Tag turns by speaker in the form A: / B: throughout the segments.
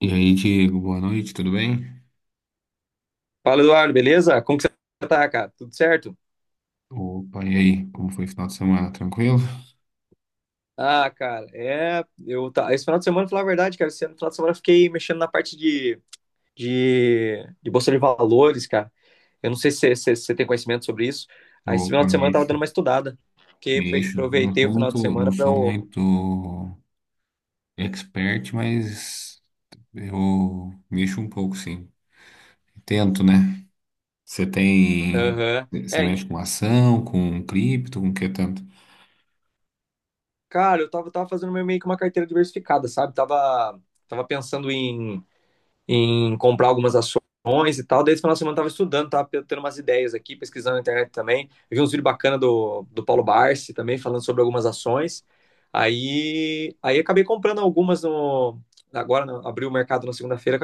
A: E aí, Diego, boa noite, tudo bem?
B: Fala, Eduardo, beleza? Como que você tá, cara? Tudo certo?
A: Opa, e aí, como foi o final de semana? Tranquilo?
B: Ah, cara, é. Eu tá. Esse final de semana, falar a verdade, cara, esse final de semana eu fiquei mexendo na parte de Bolsa de Valores, cara. Eu não sei se você tem conhecimento sobre isso. Aí esse final
A: Opa,
B: de semana eu tava
A: mexo,
B: dando uma estudada.
A: mexo. Não
B: Aproveitei
A: sou
B: o final de
A: muito, não
B: semana pra
A: sou
B: eu.
A: muito expert, mas eu mexo um pouco, sim. Tento, né? Você tem,
B: Aham.
A: você
B: É,
A: mexe com ação, com cripto, com que tanto?
B: cara, eu tava fazendo meio que uma carteira diversificada, sabe? Tava pensando em comprar algumas ações e tal. Daí esse final de semana eu tava estudando, tava tendo umas ideias aqui, pesquisando na internet também. Eu vi uns vídeos bacanas do Paulo Barsi também, falando sobre algumas ações. Aí acabei comprando algumas no. Agora no, abriu o mercado na segunda-feira,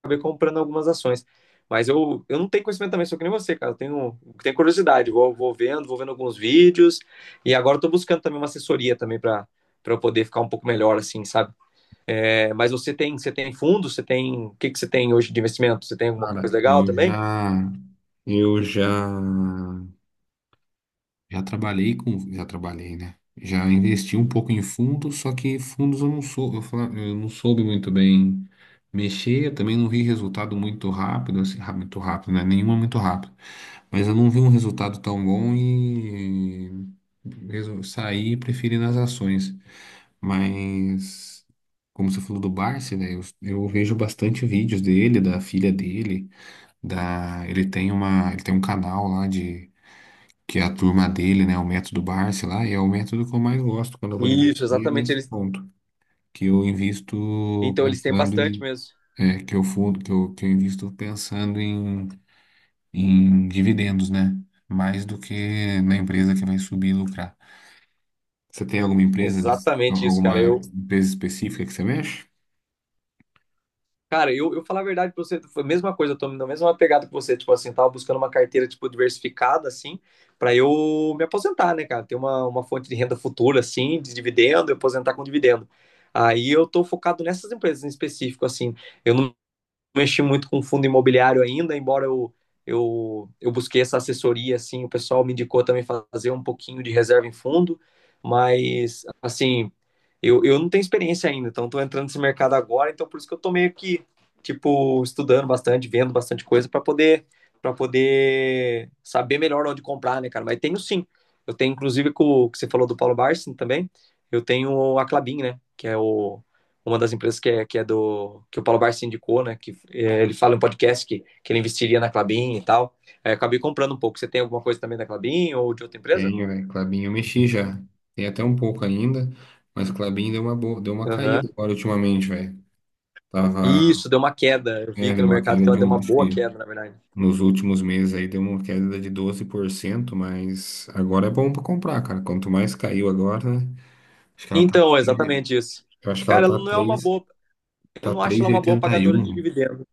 B: acabei comprando algumas ações. Mas eu não tenho conhecimento também, sou que nem você, cara. Eu tenho curiosidade, vou vendo alguns vídeos. E agora eu tô buscando também uma assessoria também para eu poder ficar um pouco melhor, assim, sabe? É, mas você tem fundos o que que você tem hoje de investimento? Você tem alguma
A: Cara,
B: coisa legal
A: eu
B: também?
A: já, eu já Já trabalhei, né? Já investi um pouco em fundos, só que fundos eu não sou, eu não soube muito bem mexer, eu também não vi resultado muito rápido, assim, muito rápido, né? Nenhuma muito rápido. Mas eu não vi um resultado tão bom e saí e preferi nas ações. Mas como você falou do Barsi, né? Eu vejo bastante vídeos dele, da filha dele, da ele tem uma, ele tem um canal lá que é a turma dele, né? O método Barsi lá, e é o método que eu mais gosto quando eu vou
B: Isso,
A: investir é
B: exatamente.
A: nesse
B: Eles,
A: ponto. Que eu invisto
B: então eles têm
A: pensando
B: bastante
A: em.
B: mesmo.
A: É, que eu fundo, que eu invisto pensando em, em dividendos, né? Mais do que na empresa que vai subir e lucrar. Você tem
B: Exatamente isso, cara.
A: alguma
B: Eu,
A: empresa específica que você mexe?
B: cara, eu, eu falar a verdade pra você, foi a mesma coisa, eu tô na mesma pegada que você, tipo assim, tava buscando uma carteira, tipo, diversificada, assim, pra eu me aposentar, né, cara? Ter uma fonte de renda futura, assim, de dividendo, e aposentar com dividendo. Aí eu tô focado nessas empresas em específico, assim. Eu não mexi muito com fundo imobiliário ainda, embora eu busquei essa assessoria, assim, o pessoal me indicou também fazer um pouquinho de reserva em fundo, mas, assim, eu não tenho experiência ainda, então estou entrando nesse mercado agora, então por isso que eu tô meio que, tipo, estudando bastante, vendo bastante coisa para poder saber melhor onde comprar, né, cara? Mas tenho sim. Eu tenho, inclusive, com o que você falou do Paulo Barsi também, eu tenho a Klabin, né, que é uma das empresas que é do que o Paulo Barsi indicou, né? Ele fala em podcast que ele investiria na Clabin e tal. Aí acabei comprando um pouco. Você tem alguma coisa também da Clabin ou de outra empresa?
A: Tenho, velho. Klabin eu mexi já. Tem até um pouco ainda, mas Klabin deu uma boa, deu uma
B: Aham.
A: caída agora ultimamente, velho. Tava,
B: Isso, deu uma queda. Eu vi
A: é,
B: aqui
A: deu
B: no
A: uma
B: mercado
A: queda
B: que ela
A: de
B: deu
A: um,
B: uma
A: acho
B: boa
A: que
B: queda, na verdade.
A: Nos últimos meses aí deu uma queda de doze por cento, mas agora é bom para comprar, cara. Quanto mais caiu agora, né? Acho que ela tá,
B: Então, é exatamente
A: eu
B: isso.
A: acho que ela
B: Cara, ela
A: tá
B: não é uma
A: três,
B: boa. Eu
A: tá
B: não acho
A: três
B: ela
A: e
B: uma boa
A: oitenta e
B: pagadora de
A: um.
B: dividendo.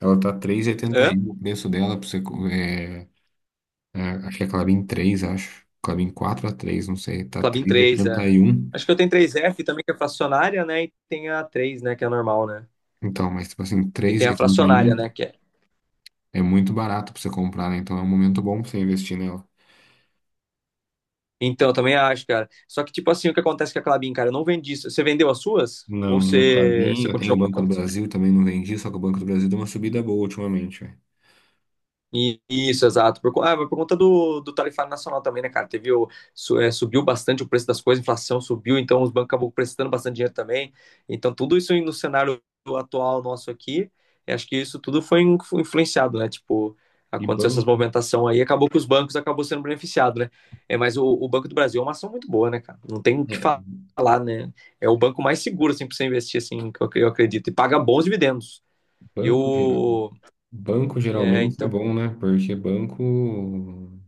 A: Ela tá três e oitenta e
B: Hã?
A: um o preço dela para você é, é, acho que é Clabin 3 acho. Clabin 4 a 3 não sei, tá
B: Clabin
A: três e
B: 3 é.
A: oitenta e um.
B: Acho que eu tenho três f também, que é fracionária, né? E tem a três, né? Que é normal, né?
A: Então, mas tipo assim,
B: E
A: três
B: tem
A: e
B: a
A: oitenta e
B: fracionária,
A: um
B: né? Que é
A: é muito barato para você comprar, né? Então é um momento bom para você investir nela.
B: Então, eu também acho, cara. Só que, tipo assim, o que acontece com a Klabin, cara? Eu não vendi isso. Você vendeu as suas?
A: Não,
B: Ou
A: não
B: você,
A: Klabin.
B: você
A: Eu tenho o
B: continuou?
A: Banco do Brasil, também não vendi, só que o Banco do Brasil deu uma subida boa ultimamente, velho.
B: Isso, exato. Por conta do tarifário nacional também, né, cara? Teve o, su- é, Subiu bastante o preço das coisas, a inflação subiu, então os bancos acabam prestando bastante dinheiro também. Então, tudo isso aí no cenário atual nosso aqui, eu acho que isso tudo foi influenciado, né? Tipo,
A: E
B: aconteceu essas
A: banco,
B: movimentação aí, acabou que os bancos acabou sendo beneficiados, né? É, mas o Banco do Brasil é uma ação muito boa, né, cara? Não tem o que
A: é,
B: falar, né? É o banco mais seguro, assim, pra você investir, assim, que eu acredito. E paga bons dividendos.
A: banco geral,
B: Eu.
A: banco
B: É,
A: geralmente é
B: então.
A: bom, né? Porque banco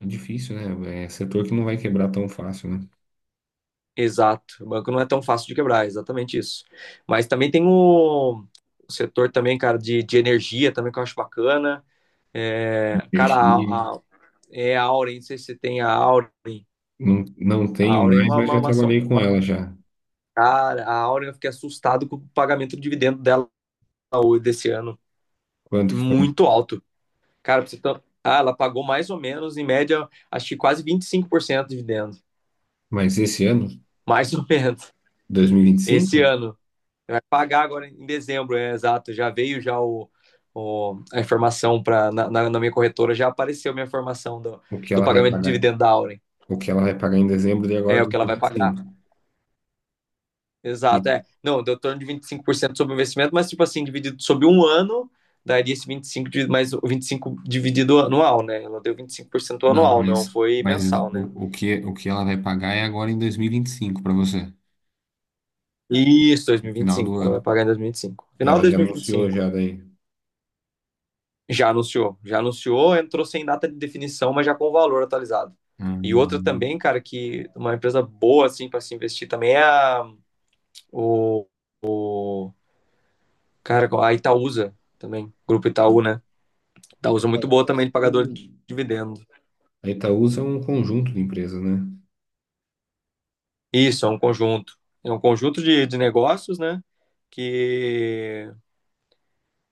A: é difícil, né? É setor que não vai quebrar tão fácil, né?
B: Exato. O banco não é tão fácil de quebrar, é exatamente isso. Mas também tem o setor também, cara, de energia também que eu acho bacana. É, cara,
A: Perdi,
B: é a Auren, não sei se você tem a Auren.
A: não, não
B: A
A: tenho
B: Auren é
A: mais,
B: uma,
A: mas
B: uma,
A: já
B: uma ação.
A: trabalhei com
B: uma-
A: ela já.
B: Cara, a Auren eu fiquei assustado com o pagamento do dividendo dela hoje desse ano.
A: Quanto que foi?
B: Muito alto. Cara, pra você ter- ah, ela pagou mais ou menos, em média, acho que quase 25% de dividendo.
A: Mas esse ano,
B: Mais ou menos. Esse
A: 2025,
B: ano. Vai pagar agora em dezembro, é exato. Já veio já a informação para na minha corretora, já apareceu a minha informação do,
A: o que
B: do
A: ela vai
B: pagamento de
A: pagar?
B: dividendo da Auren.
A: O que ela vai pagar em dezembro de
B: É
A: agora,
B: o que ela vai pagar.
A: 2025.
B: Exato, é. Não, deu torno de 25% sobre o investimento, mas tipo assim, dividido sobre um ano, daria esse 25, mais o 25 dividido anual, né? Ela deu 25%
A: Não,
B: anual, não foi
A: mas
B: mensal, né?
A: o que ela vai pagar é agora em dois mil e vinte e cinco para você,
B: Isso,
A: no final do
B: 2025. Ela vai
A: ano.
B: pagar em 2025.
A: Que
B: Final de
A: ela já anunciou
B: 2025.
A: já daí.
B: Já anunciou, entrou sem data de definição, mas já com o valor atualizado. E outra
A: Hum.
B: também, cara, que uma empresa boa, assim, para se investir também é o, cara, a Itaúsa também, Grupo Itaú, né?
A: A
B: Itaúsa é muito boa
A: Itaúsa,
B: também
A: acho
B: de
A: que é
B: pagador de
A: um-
B: dividendo.
A: a Itaúsa é um conjunto de empresas, né?
B: Isso, é um conjunto. É um conjunto de negócios, né? Que,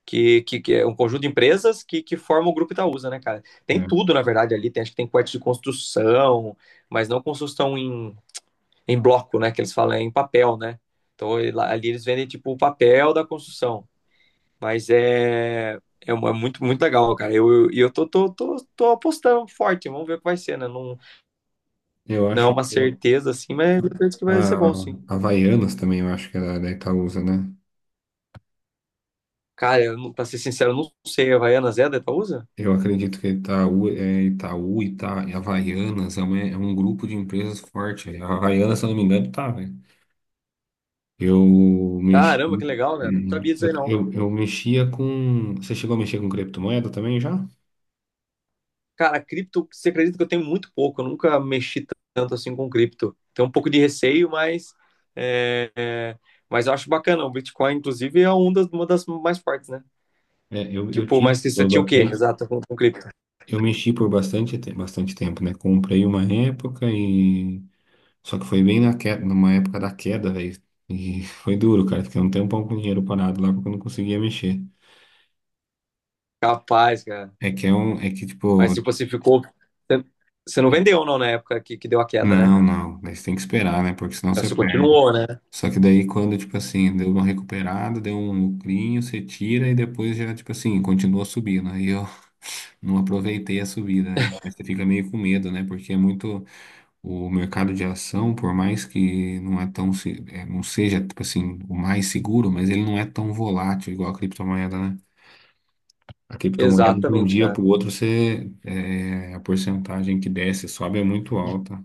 B: que é um conjunto de empresas que forma o Grupo Itaúsa, né, cara? Tem
A: É.
B: tudo, na verdade, ali. Tem, acho que tem parte de construção, mas não construção em bloco, né? Que eles falam é em papel, né? Então ali eles vendem tipo o papel da construção. Mas é muito, muito legal, cara. E eu tô apostando forte, vamos ver o que vai ser, né? Não,
A: Eu
B: não é
A: acho
B: uma
A: que eu-
B: certeza assim, mas eu penso que
A: a
B: vai ser bom, sim.
A: a Havaianas também, eu acho que é da da Itaúsa, né?
B: Cara, eu, pra ser sincero, eu não sei. A Havaianas é da Itaúsa?
A: Eu acredito que Itaú, é Itaú, Ita, e Havaianas é, uma- é um grupo de empresas forte. A Havaianas, se eu não me engano, tá, né? Eu mexi,
B: Caramba, que legal, né? Não sabia disso
A: eu,
B: aí, não.
A: eu eu mexia com. Você chegou a mexer com criptomoeda também já?
B: Cara, cripto, você acredita que eu tenho muito pouco? Eu nunca mexi tanto assim com cripto. Tenho um pouco de receio, é, é, mas eu acho bacana. O Bitcoin, inclusive, é uma das mais fortes, né?
A: É, eu
B: Tipo,
A: tive
B: mas você
A: por
B: tinha o quê?
A: bastante.
B: Exato, com cripto.
A: Eu mexi por bastante, bastante tempo, né? Comprei uma época e. Só que foi bem na queda, numa época da queda, velho. E foi duro, cara. Fiquei um tempão com o dinheiro parado lá porque eu não conseguia mexer.
B: Capaz, cara.
A: É que é um. É que,
B: Mas
A: tipo.
B: tipo, você ficou. Você você não
A: é que-
B: vendeu, não, na época que deu a queda, né?
A: Não, não. Mas tem que esperar, né? Porque senão você
B: Você continuou, né?
A: Só que daí quando, tipo assim, deu uma recuperada, deu um lucrinho, você tira e depois já, tipo assim, continua subindo. Aí eu não aproveitei a subida, né? Mas você fica meio com medo, né? Porque é muito o mercado de ação, por mais que não é tão, é, não seja, tipo assim, o mais seguro, mas ele não é tão volátil igual a criptomoeda, né? A criptomoeda de um
B: Exatamente,
A: dia para
B: cara.
A: o outro, você, é, a porcentagem que desce, e sobe é muito alta.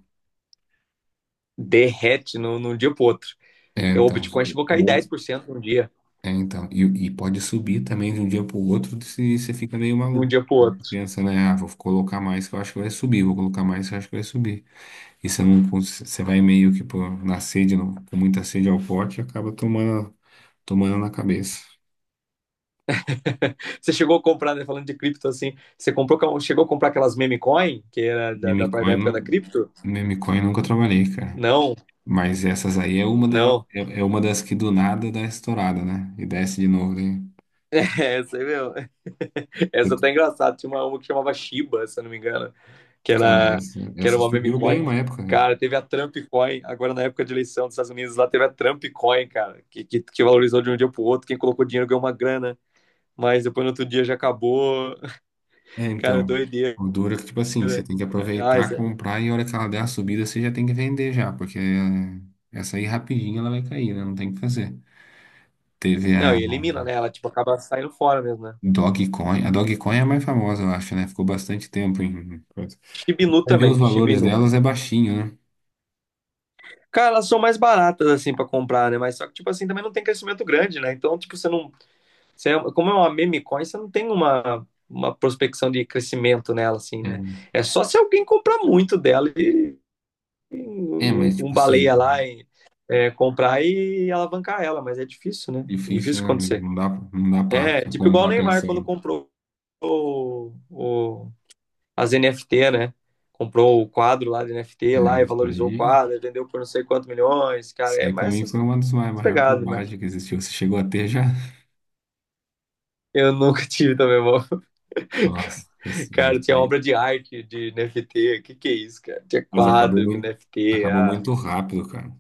B: Derrete num dia pro outro.
A: É,
B: O
A: então,
B: Bitcoin chegou a cair dez
A: ou
B: por cento num dia,
A: é, então, e pode subir também de um dia para o outro se você fica meio
B: de um
A: maluco.
B: dia pro outro.
A: Pensa, né? Ah, vou colocar mais que eu acho que vai subir, vou colocar mais que eu acho que vai subir. E você não, você vai meio que pô, na sede, não, com muita sede ao pote, e acaba tomando, tomando na cabeça.
B: Você chegou a comprar, né, falando de cripto assim, você comprou, chegou a comprar aquelas meme coin, que era da
A: Memecoin,
B: época da
A: não,
B: cripto?
A: memecoin nunca trabalhei, cara.
B: Não,
A: Mas essas aí é uma delas,
B: não.
A: é, é uma das que do nada dá estourada, né? E desce de novo, né?
B: Meu, essa tá engraçada. Tinha uma que chamava Shiba, se eu não me engano, que
A: Cara,
B: era,
A: essa,
B: que era
A: essa
B: uma meme
A: subiu bem
B: coin.
A: uma época.
B: Cara, teve a Trump Coin, agora na época de eleição dos Estados Unidos, lá teve a Trump Coin, cara, que valorizou de um dia pro outro. Quem colocou dinheiro ganhou uma grana, mas depois no outro dia já acabou.
A: É,
B: Cara,
A: então,
B: doideira.
A: o duro é que, tipo assim, você tem que
B: Ah,
A: aproveitar,
B: isso é-
A: comprar e a hora que ela der a subida, você já tem que vender já, porque é, essa aí rapidinho ela vai cair, né? Não tem o que fazer. Teve
B: Não,
A: a
B: e elimina, né? Ela, tipo, acaba saindo fora mesmo, né?
A: Dogecoin. A Dogecoin é a mais famosa, eu acho, né? Ficou bastante tempo em... coisa.
B: Shibinu
A: Vai ver os
B: também,
A: valores
B: Shibinu.
A: delas é baixinho, né?
B: Cara, elas são mais baratas, assim, pra comprar, né? Mas só que, tipo assim, também não tem crescimento grande, né? Então, tipo, você não. Como é uma meme coin, você não tem uma prospecção de crescimento nela, assim, né? É só se alguém comprar muito dela e um
A: É, é, mas,
B: um
A: tipo assim,
B: baleia lá comprar e alavancar ela, mas é difícil, né?
A: difícil,
B: Difícil
A: né?
B: acontecer.
A: Não dá, não dá pra
B: É, tipo igual o
A: comprar
B: Neymar quando
A: pensando.
B: comprou o, o, as NFT, né? Comprou o quadro lá de
A: É,
B: NFT lá e
A: isso
B: valorizou o
A: aí,
B: quadro, vendeu por não sei quantos milhões,
A: isso
B: cara. É
A: aí pra
B: mais
A: mim foi
B: essas
A: uma das maiores
B: pegadas, mano.
A: bobagens que existiu. Você chegou a ter já?
B: Eu nunca tive também, irmão.
A: Nossa senhora,
B: Cara,
A: isso
B: tinha
A: daí.
B: obra de arte de NFT. Que é isso, cara? Tinha
A: Mas
B: quadro de NFT.
A: acabou
B: Ah.
A: muito rápido, cara.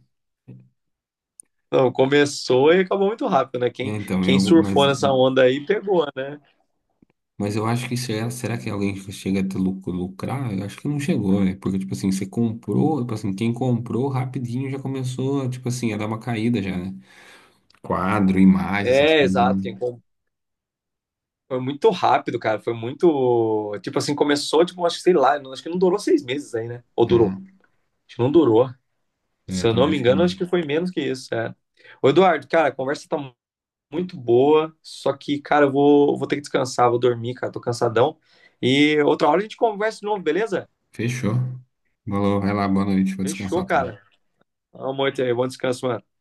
B: Não, começou e acabou muito rápido, né?
A: É,
B: Quem,
A: então,
B: quem
A: eu,
B: surfou nessa onda aí pegou, né?
A: mas eu acho que será, será que alguém chega a ter lucro, lucrar? Eu acho que não chegou, né? Porque, tipo assim, você comprou, tipo assim, quem comprou rapidinho já começou, tipo assim, a dar uma caída já, né? Quadro, imagem, essas
B: É,
A: coisas,
B: exato.
A: né?
B: Foi muito rápido, cara. Foi muito. Tipo assim, começou, tipo, acho que sei lá, acho que não durou 6 meses aí, né? Ou
A: É,
B: durou? Acho que não durou. Se
A: eu
B: eu não
A: também
B: me
A: acho que
B: engano, acho
A: não.
B: que foi menos que isso, é. Ô, Eduardo, cara, a conversa tá muito boa, só que, cara, eu vou ter que descansar, vou dormir, cara, tô cansadão. E outra hora a gente conversa de novo, beleza?
A: Fechou. Falou, vai lá, boa noite, vou
B: Fechou,
A: descansar também.
B: cara. Amor, bom descanso, mano.